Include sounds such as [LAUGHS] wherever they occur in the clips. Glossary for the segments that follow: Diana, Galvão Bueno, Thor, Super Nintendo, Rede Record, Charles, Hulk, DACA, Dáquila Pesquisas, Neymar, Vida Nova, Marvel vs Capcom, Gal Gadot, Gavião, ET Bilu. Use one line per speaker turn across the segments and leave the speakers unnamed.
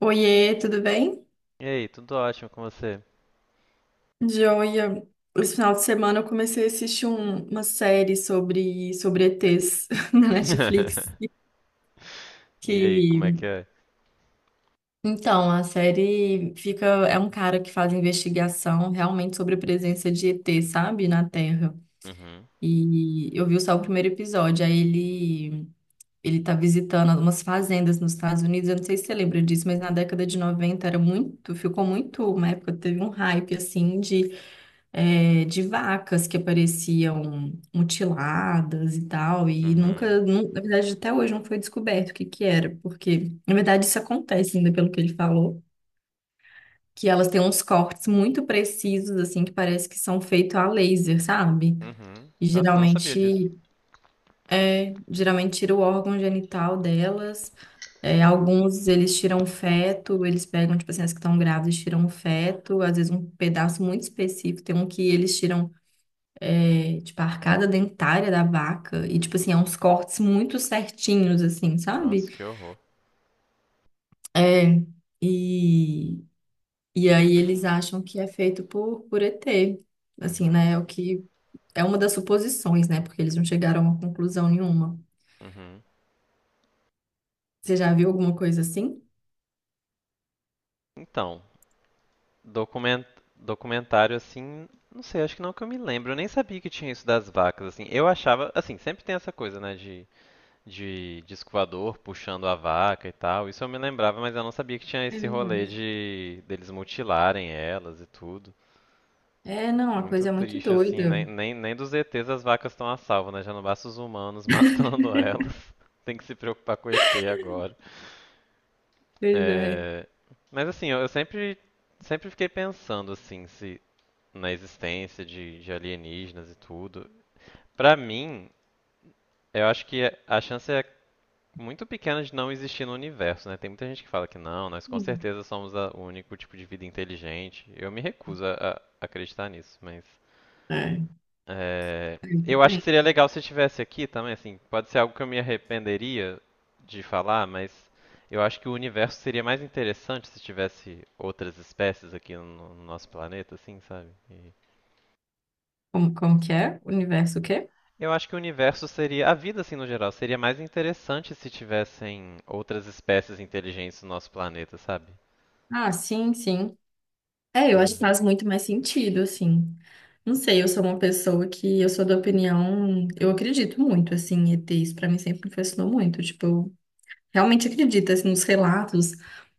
Oiê, tudo bem?
E aí, tudo ótimo com você?
Joia. Esse final de semana eu comecei a assistir uma série sobre ETs [LAUGHS] na Netflix.
[LAUGHS] E aí, como é
Que,
que é?
então, a série fica, é um cara que faz investigação realmente sobre a presença de ET, sabe, na Terra.
Uhum,
E eu vi só o primeiro episódio, aí ele tá visitando algumas fazendas nos Estados Unidos. Eu não sei se você lembra disso, mas na década de 90 era muito, ficou muito, uma época teve um hype assim de de vacas que apareciam mutiladas e tal, e
uhum,
nunca, nu- na verdade, até hoje não foi descoberto o que que era, porque, na verdade, isso acontece ainda pelo que ele falou, que elas têm uns cortes muito precisos, assim, que parece que são feitos a laser, sabe?
uhum.
E
Nossa, não sabia disso.
geralmente, é, geralmente tira o órgão genital delas, alguns eles tiram feto, eles pegam, tipo assim, as que estão grávidas tiram feto, às vezes um pedaço muito específico, tem um que eles tiram tipo, a arcada dentária da vaca. E, tipo assim, é uns cortes muito certinhos, assim, sabe?
Nossa, que horror.
É, e, e aí eles
[CLEARS THROAT]
acham que é feito por ET. Assim,
Uhum,
né? É o que. É uma das suposições, né? Porque eles não chegaram a uma conclusão nenhuma.
uhum.
Você já viu alguma coisa assim?
Então, document... documentário assim, não sei, acho que não que eu me lembro. Eu nem sabia que tinha isso das vacas, assim. Eu achava, assim, sempre tem essa coisa, né, de disco voador puxando a vaca e tal. Isso eu me lembrava, mas eu não sabia que tinha
É
esse rolê
verdade.
de deles mutilarem elas e tudo.
É, não, a
Muito
coisa é muito
triste, assim,
doida.
nem dos ETs as vacas estão a salvo, né? Já não basta os humanos matando elas. [LAUGHS] Tem que se preocupar com o ET agora.
Pois é.
É, mas assim, eu sempre fiquei pensando, assim, se na existência de alienígenas e tudo. Pra mim, eu acho que a chance é muito pequena de não existir no universo, né? Tem muita gente que fala que não, nós com
Sim.
certeza somos o único tipo de vida inteligente. Eu me recuso a acreditar nisso, mas
É.
é,
Eu
eu acho que
também.
seria legal se estivesse aqui também, assim, pode ser algo que eu me arrependeria de falar, mas eu acho que o universo seria mais interessante se tivesse outras espécies aqui no nosso planeta, assim, sabe?
Como que é? Universo o quê?
E eu acho que o universo seria, a vida assim no geral, seria mais interessante se tivessem outras espécies inteligentes no nosso planeta, sabe?
Ah, sim, sim. É, eu acho que faz muito mais sentido, assim. Não sei, eu sou uma pessoa que eu sou da opinião, eu acredito muito, assim, em ETs, pra mim sempre me fascinou muito, tipo, eu realmente acredito, assim, nos relatos.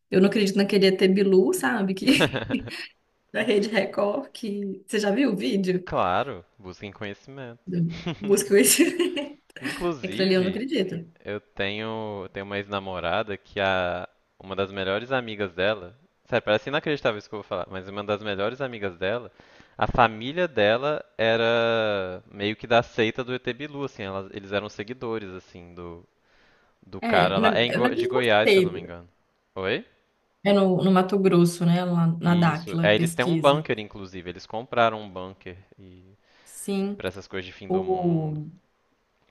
Eu não acredito naquele ET Bilu, sabe, que
[LAUGHS]
[LAUGHS] da Rede Record, que você já viu o vídeo?
Claro, busquem conhecimento.
Do... Busca o esse. [LAUGHS]
[LAUGHS]
Aquilo ali eu não
Inclusive,
acredito.
eu tenho uma ex-namorada que a, uma das melhores amigas dela, sério, parece inacreditável isso que eu vou falar, mas uma das melhores amigas dela, a família dela era meio que da seita do ET Bilu, assim, eles eram seguidores, assim, do
É,
cara
na,
lá. É
eu não
De
mesma
Goiás, se eu não me
seita.
engano. Oi?
É no Mato Grosso, né, lá na
Isso.
Dáquila,
É, eles têm um
pesquisa.
bunker, inclusive. Eles compraram um bunker e
Sim,
para essas coisas de fim do mundo.
o.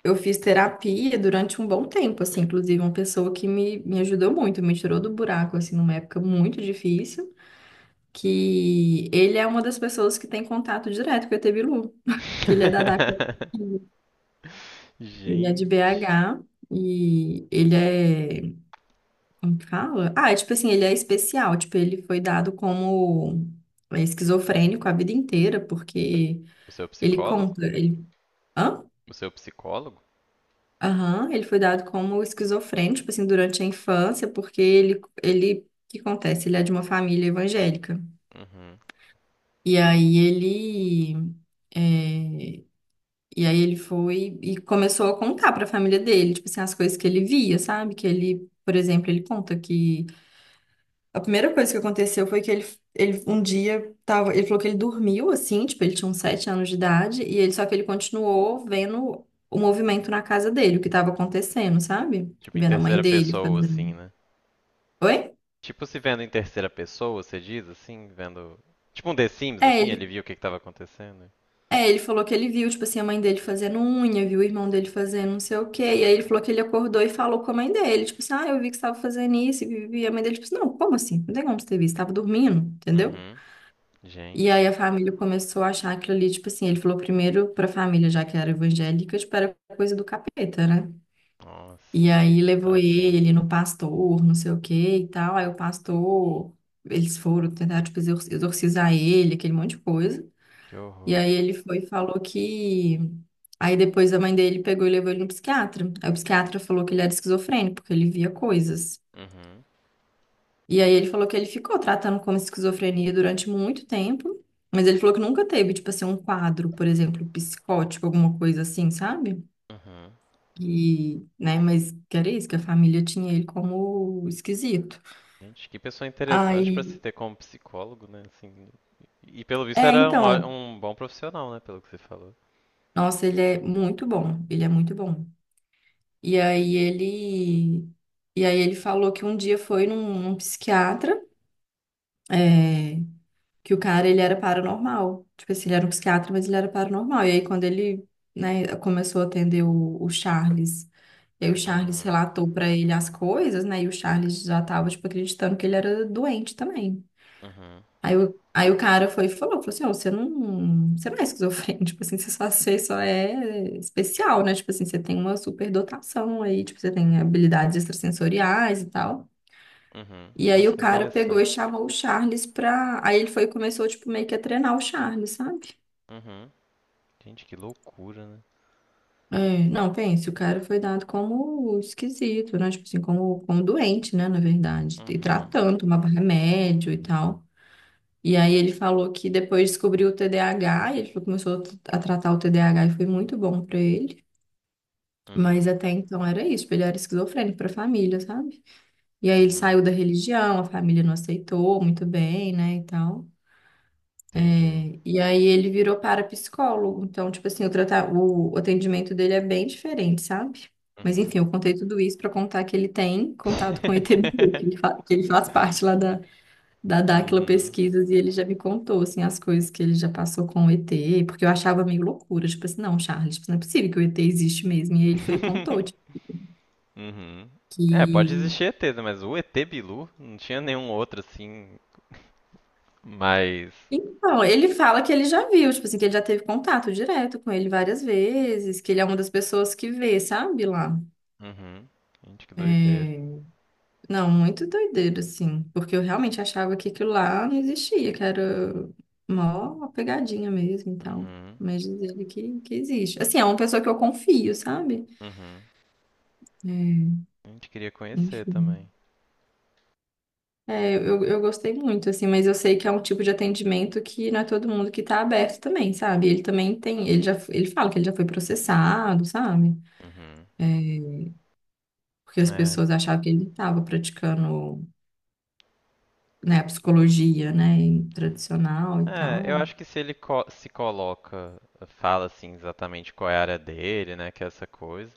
Eu fiz terapia durante um bom tempo, assim, inclusive uma pessoa que me ajudou muito, me tirou do buraco, assim, numa época muito difícil, que ele é uma das pessoas que tem contato direto com o ET Bilu, [LAUGHS] que ele é da DACA.
[LAUGHS]
Ele é de
Gente.
BH e ele é, como que fala? Ah, é tipo assim, ele é especial, tipo, ele foi dado como esquizofrênico a vida inteira, porque
O seu
ele
psicólogo?
conta, ele... Hã?
O seu psicólogo?
Aham, ele foi dado como esquizofrênico, tipo assim, durante a infância, porque o que acontece? Ele é de uma família evangélica.
Uhum.
E aí ele, é, e aí ele foi e começou a contar para a família dele, tipo assim, as coisas que ele via, sabe? Que ele, por exemplo, ele conta que a primeira coisa que aconteceu foi que ele um dia tava, ele falou que ele dormiu assim, tipo, ele tinha uns 7 anos de idade, e ele só que ele continuou vendo o movimento na casa dele, o que estava acontecendo, sabe?
Tipo, em
Vendo a mãe
terceira
dele
pessoa, assim,
fazendo.
né?
Oi?
Tipo, se vendo em terceira pessoa, você diz, assim, vendo. Tipo um The Sims,
É,
assim, ele
ele,
viu o que que tava acontecendo.
é, ele falou que ele viu, tipo assim, a mãe dele fazendo unha, viu o irmão dele fazendo não sei o quê. E aí ele falou que ele acordou e falou com a mãe dele, tipo assim, ah, eu vi que você estava fazendo isso, e vivi. E a mãe dele, tipo assim, não, como assim? Não tem como você ter visto, estava dormindo, entendeu?
Uhum.
E aí a
Gente,
família começou a achar aquilo ali, tipo assim, ele falou primeiro pra família, já que era evangélica, tipo, era coisa do capeta, né? E
nossa,
aí levou
tadinho.
ele no pastor, não sei o que e tal. Aí o pastor, eles foram tentar, tipo, exorcizar ele, aquele monte de coisa.
Que
E
horror.
aí ele foi e falou que. Aí depois a mãe dele pegou e levou ele no psiquiatra. Aí o psiquiatra falou que ele era esquizofrênico, porque ele via coisas.
Uhum.
E aí ele falou que ele ficou tratando como esquizofrenia durante muito tempo, mas ele falou que nunca teve, tipo assim, um quadro, por exemplo, psicótico, alguma coisa assim, sabe?
Uhum.
E, né, mas que era isso, que a família tinha ele como esquisito.
Gente, que pessoa interessante pra se
Aí,
ter como psicólogo, né? Assim, e pelo visto
é,
era um, ó-
então,
um bom profissional, né? Pelo que você falou.
nossa, ele é muito bom, ele é muito bom. E aí ele, e aí ele falou que um dia foi num psiquiatra, é, que o cara, ele era paranormal. Tipo assim, ele era um psiquiatra, mas ele era paranormal. E aí, quando ele, né, começou a atender o Charles, e aí o Charles
Uhum.
relatou pra ele as coisas, né, e o Charles já tava, tipo, acreditando que ele era doente também.
Uhum.
Aí o cara foi e falou, assim, ó, você não é esquizofrênico, [LAUGHS] tipo assim, você só é especial, né, tipo assim, você tem uma superdotação aí, tipo, você tem habilidades extrasensoriais e tal.
Uhum.
E aí
Nossa,
o
que
cara pegou e
interessante.
chamou o Charles pra. Aí ele foi e começou, tipo, meio que a treinar o Charles, sabe?
Uhum. Gente, que loucura, né?
É, não, pense, o cara foi dado como esquisito, né? Tipo assim, como doente, né? Na verdade. E
Uhum.
tratando, tomava remédio e tal. E aí ele falou que depois descobriu o TDAH, e ele falou que começou a tratar o TDAH e foi muito bom pra ele. Mas
Uhum.
até então era isso, tipo, ele era esquizofrênico pra família, sabe? E aí ele
Uhum.
saiu da religião, a família não aceitou muito bem, né? E tal.
Entendi.
E aí ele virou parapsicólogo. Então, tipo assim, o atendimento dele é bem diferente, sabe? Mas
Uhum.
enfim, eu contei tudo isso pra contar que ele tem contato com o ETBU, que ele
[LAUGHS]
que ele faz parte lá da Dáquila
Uhum.
Pesquisas, e ele já me contou, assim, as coisas que ele já passou com o ET, porque eu achava meio loucura, tipo assim, não, Charles, tipo, não é possível que o ET existe mesmo. E aí ele foi e contou, tipo,
[LAUGHS] Uhum. É, pode
que...
existir ETs, né, mas o ET Bilu não tinha nenhum outro assim, mais.
Então, ele fala que ele já viu, tipo assim, que ele já teve contato direto com ele várias vezes, que ele é uma das pessoas que vê, sabe, lá.
Uhum. Gente, que doideira.
É, não, muito doideira, assim. Porque eu realmente achava que aquilo lá não existia, que era mó pegadinha mesmo e tal.
Uhum.
Mas diz ele que existe. Assim, é uma pessoa que eu confio, sabe?
Uhum.
É,
A gente queria conhecer
enfim.
também.
É, eu gostei muito, assim, mas eu sei que é um tipo de atendimento que não é todo mundo que tá aberto também, sabe? Ele também tem, ele já, ele fala que ele já foi processado, sabe?
Uhum.
É, porque as
É.
pessoas achavam que ele estava praticando, né, a psicologia, né, tradicional e
É, eu
tal.
acho que se ele se coloca, fala assim exatamente qual é a área dele, né, que é essa coisa,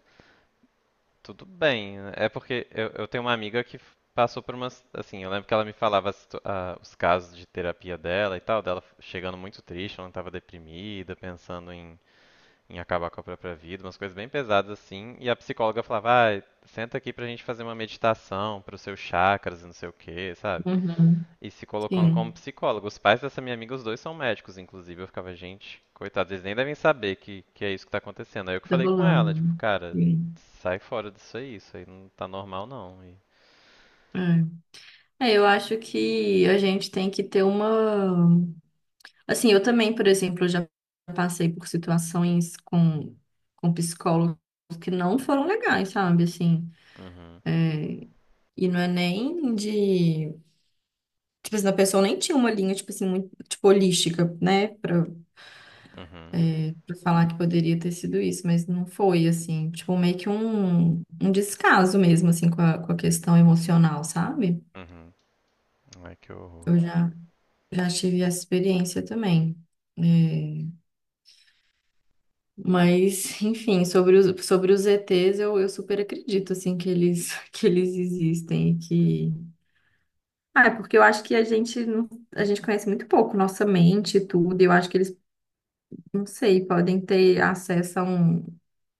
tudo bem. É porque eu tenho uma amiga que passou por umas. Assim, eu lembro que ela me falava a os casos de terapia dela e tal, dela chegando muito triste, ela estava deprimida, pensando em acabar com a própria vida, umas coisas bem pesadas assim. E a psicóloga falava: ah, senta aqui pra gente fazer uma meditação para os seus chakras e não sei o quê, sabe?
Uhum.
E se colocando como
Sim.
psicólogo. Os pais dessa minha amiga, os dois são médicos, inclusive. Eu ficava, gente, coitados, eles nem devem saber que é isso que tá acontecendo. Aí eu que
Tá
falei com ela, tipo,
rolando.
cara,
Sim.
sai fora disso aí, isso aí não tá normal não. E...
É. É, eu acho que a gente tem que ter uma. Assim, eu também, por exemplo, já passei por situações com psicólogos que não foram legais, sabe? Assim,
Uhum,
e não é nem de. Tipo assim, a pessoa nem tinha uma linha, tipo assim, muito, tipo, holística, né?
uhum,
Pra falar que poderia ter sido isso, mas não foi, assim. Tipo, meio que um descaso mesmo, assim, com a questão emocional, sabe?
uhum. Ai, que horror.
Eu já Já tive essa experiência também. É, mas, [LAUGHS] enfim, sobre os ETs, eu super acredito, assim, que eles, [LAUGHS] que eles existem e que... Ah, é porque eu acho que a gente, não- a gente conhece muito pouco nossa mente e tudo, e eu acho que eles, não sei, podem ter acesso a um,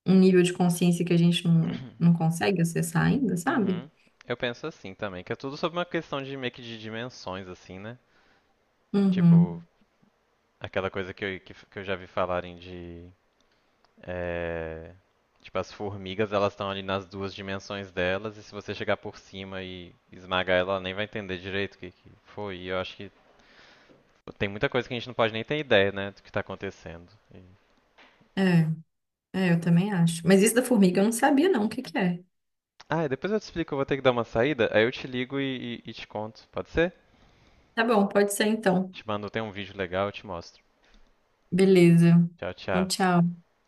um nível de consciência que a gente não,
[COUGHS] [CLEARS THROAT]
não consegue acessar ainda, sabe?
Uhum. Eu penso assim também, que é tudo sobre uma questão de meio que de dimensões, assim, né? Tipo,
Uhum.
aquela coisa que eu já vi falarem de. É, tipo, as formigas, elas estão ali nas duas dimensões delas, e se você chegar por cima e esmagar ela, ela nem vai entender direito o que, que foi. E eu acho que tem muita coisa que a gente não pode nem ter ideia, né, do que tá acontecendo.
É, eu também acho. Mas isso da formiga eu não sabia, não, o que que é.
Ah, e depois eu te explico, eu vou ter que dar uma saída, aí eu te ligo e te conto, pode ser?
Tá bom, pode ser então.
Te mando, tem um vídeo legal, eu te mostro.
Beleza.
Tchau,
Então,
tchau.
tchau.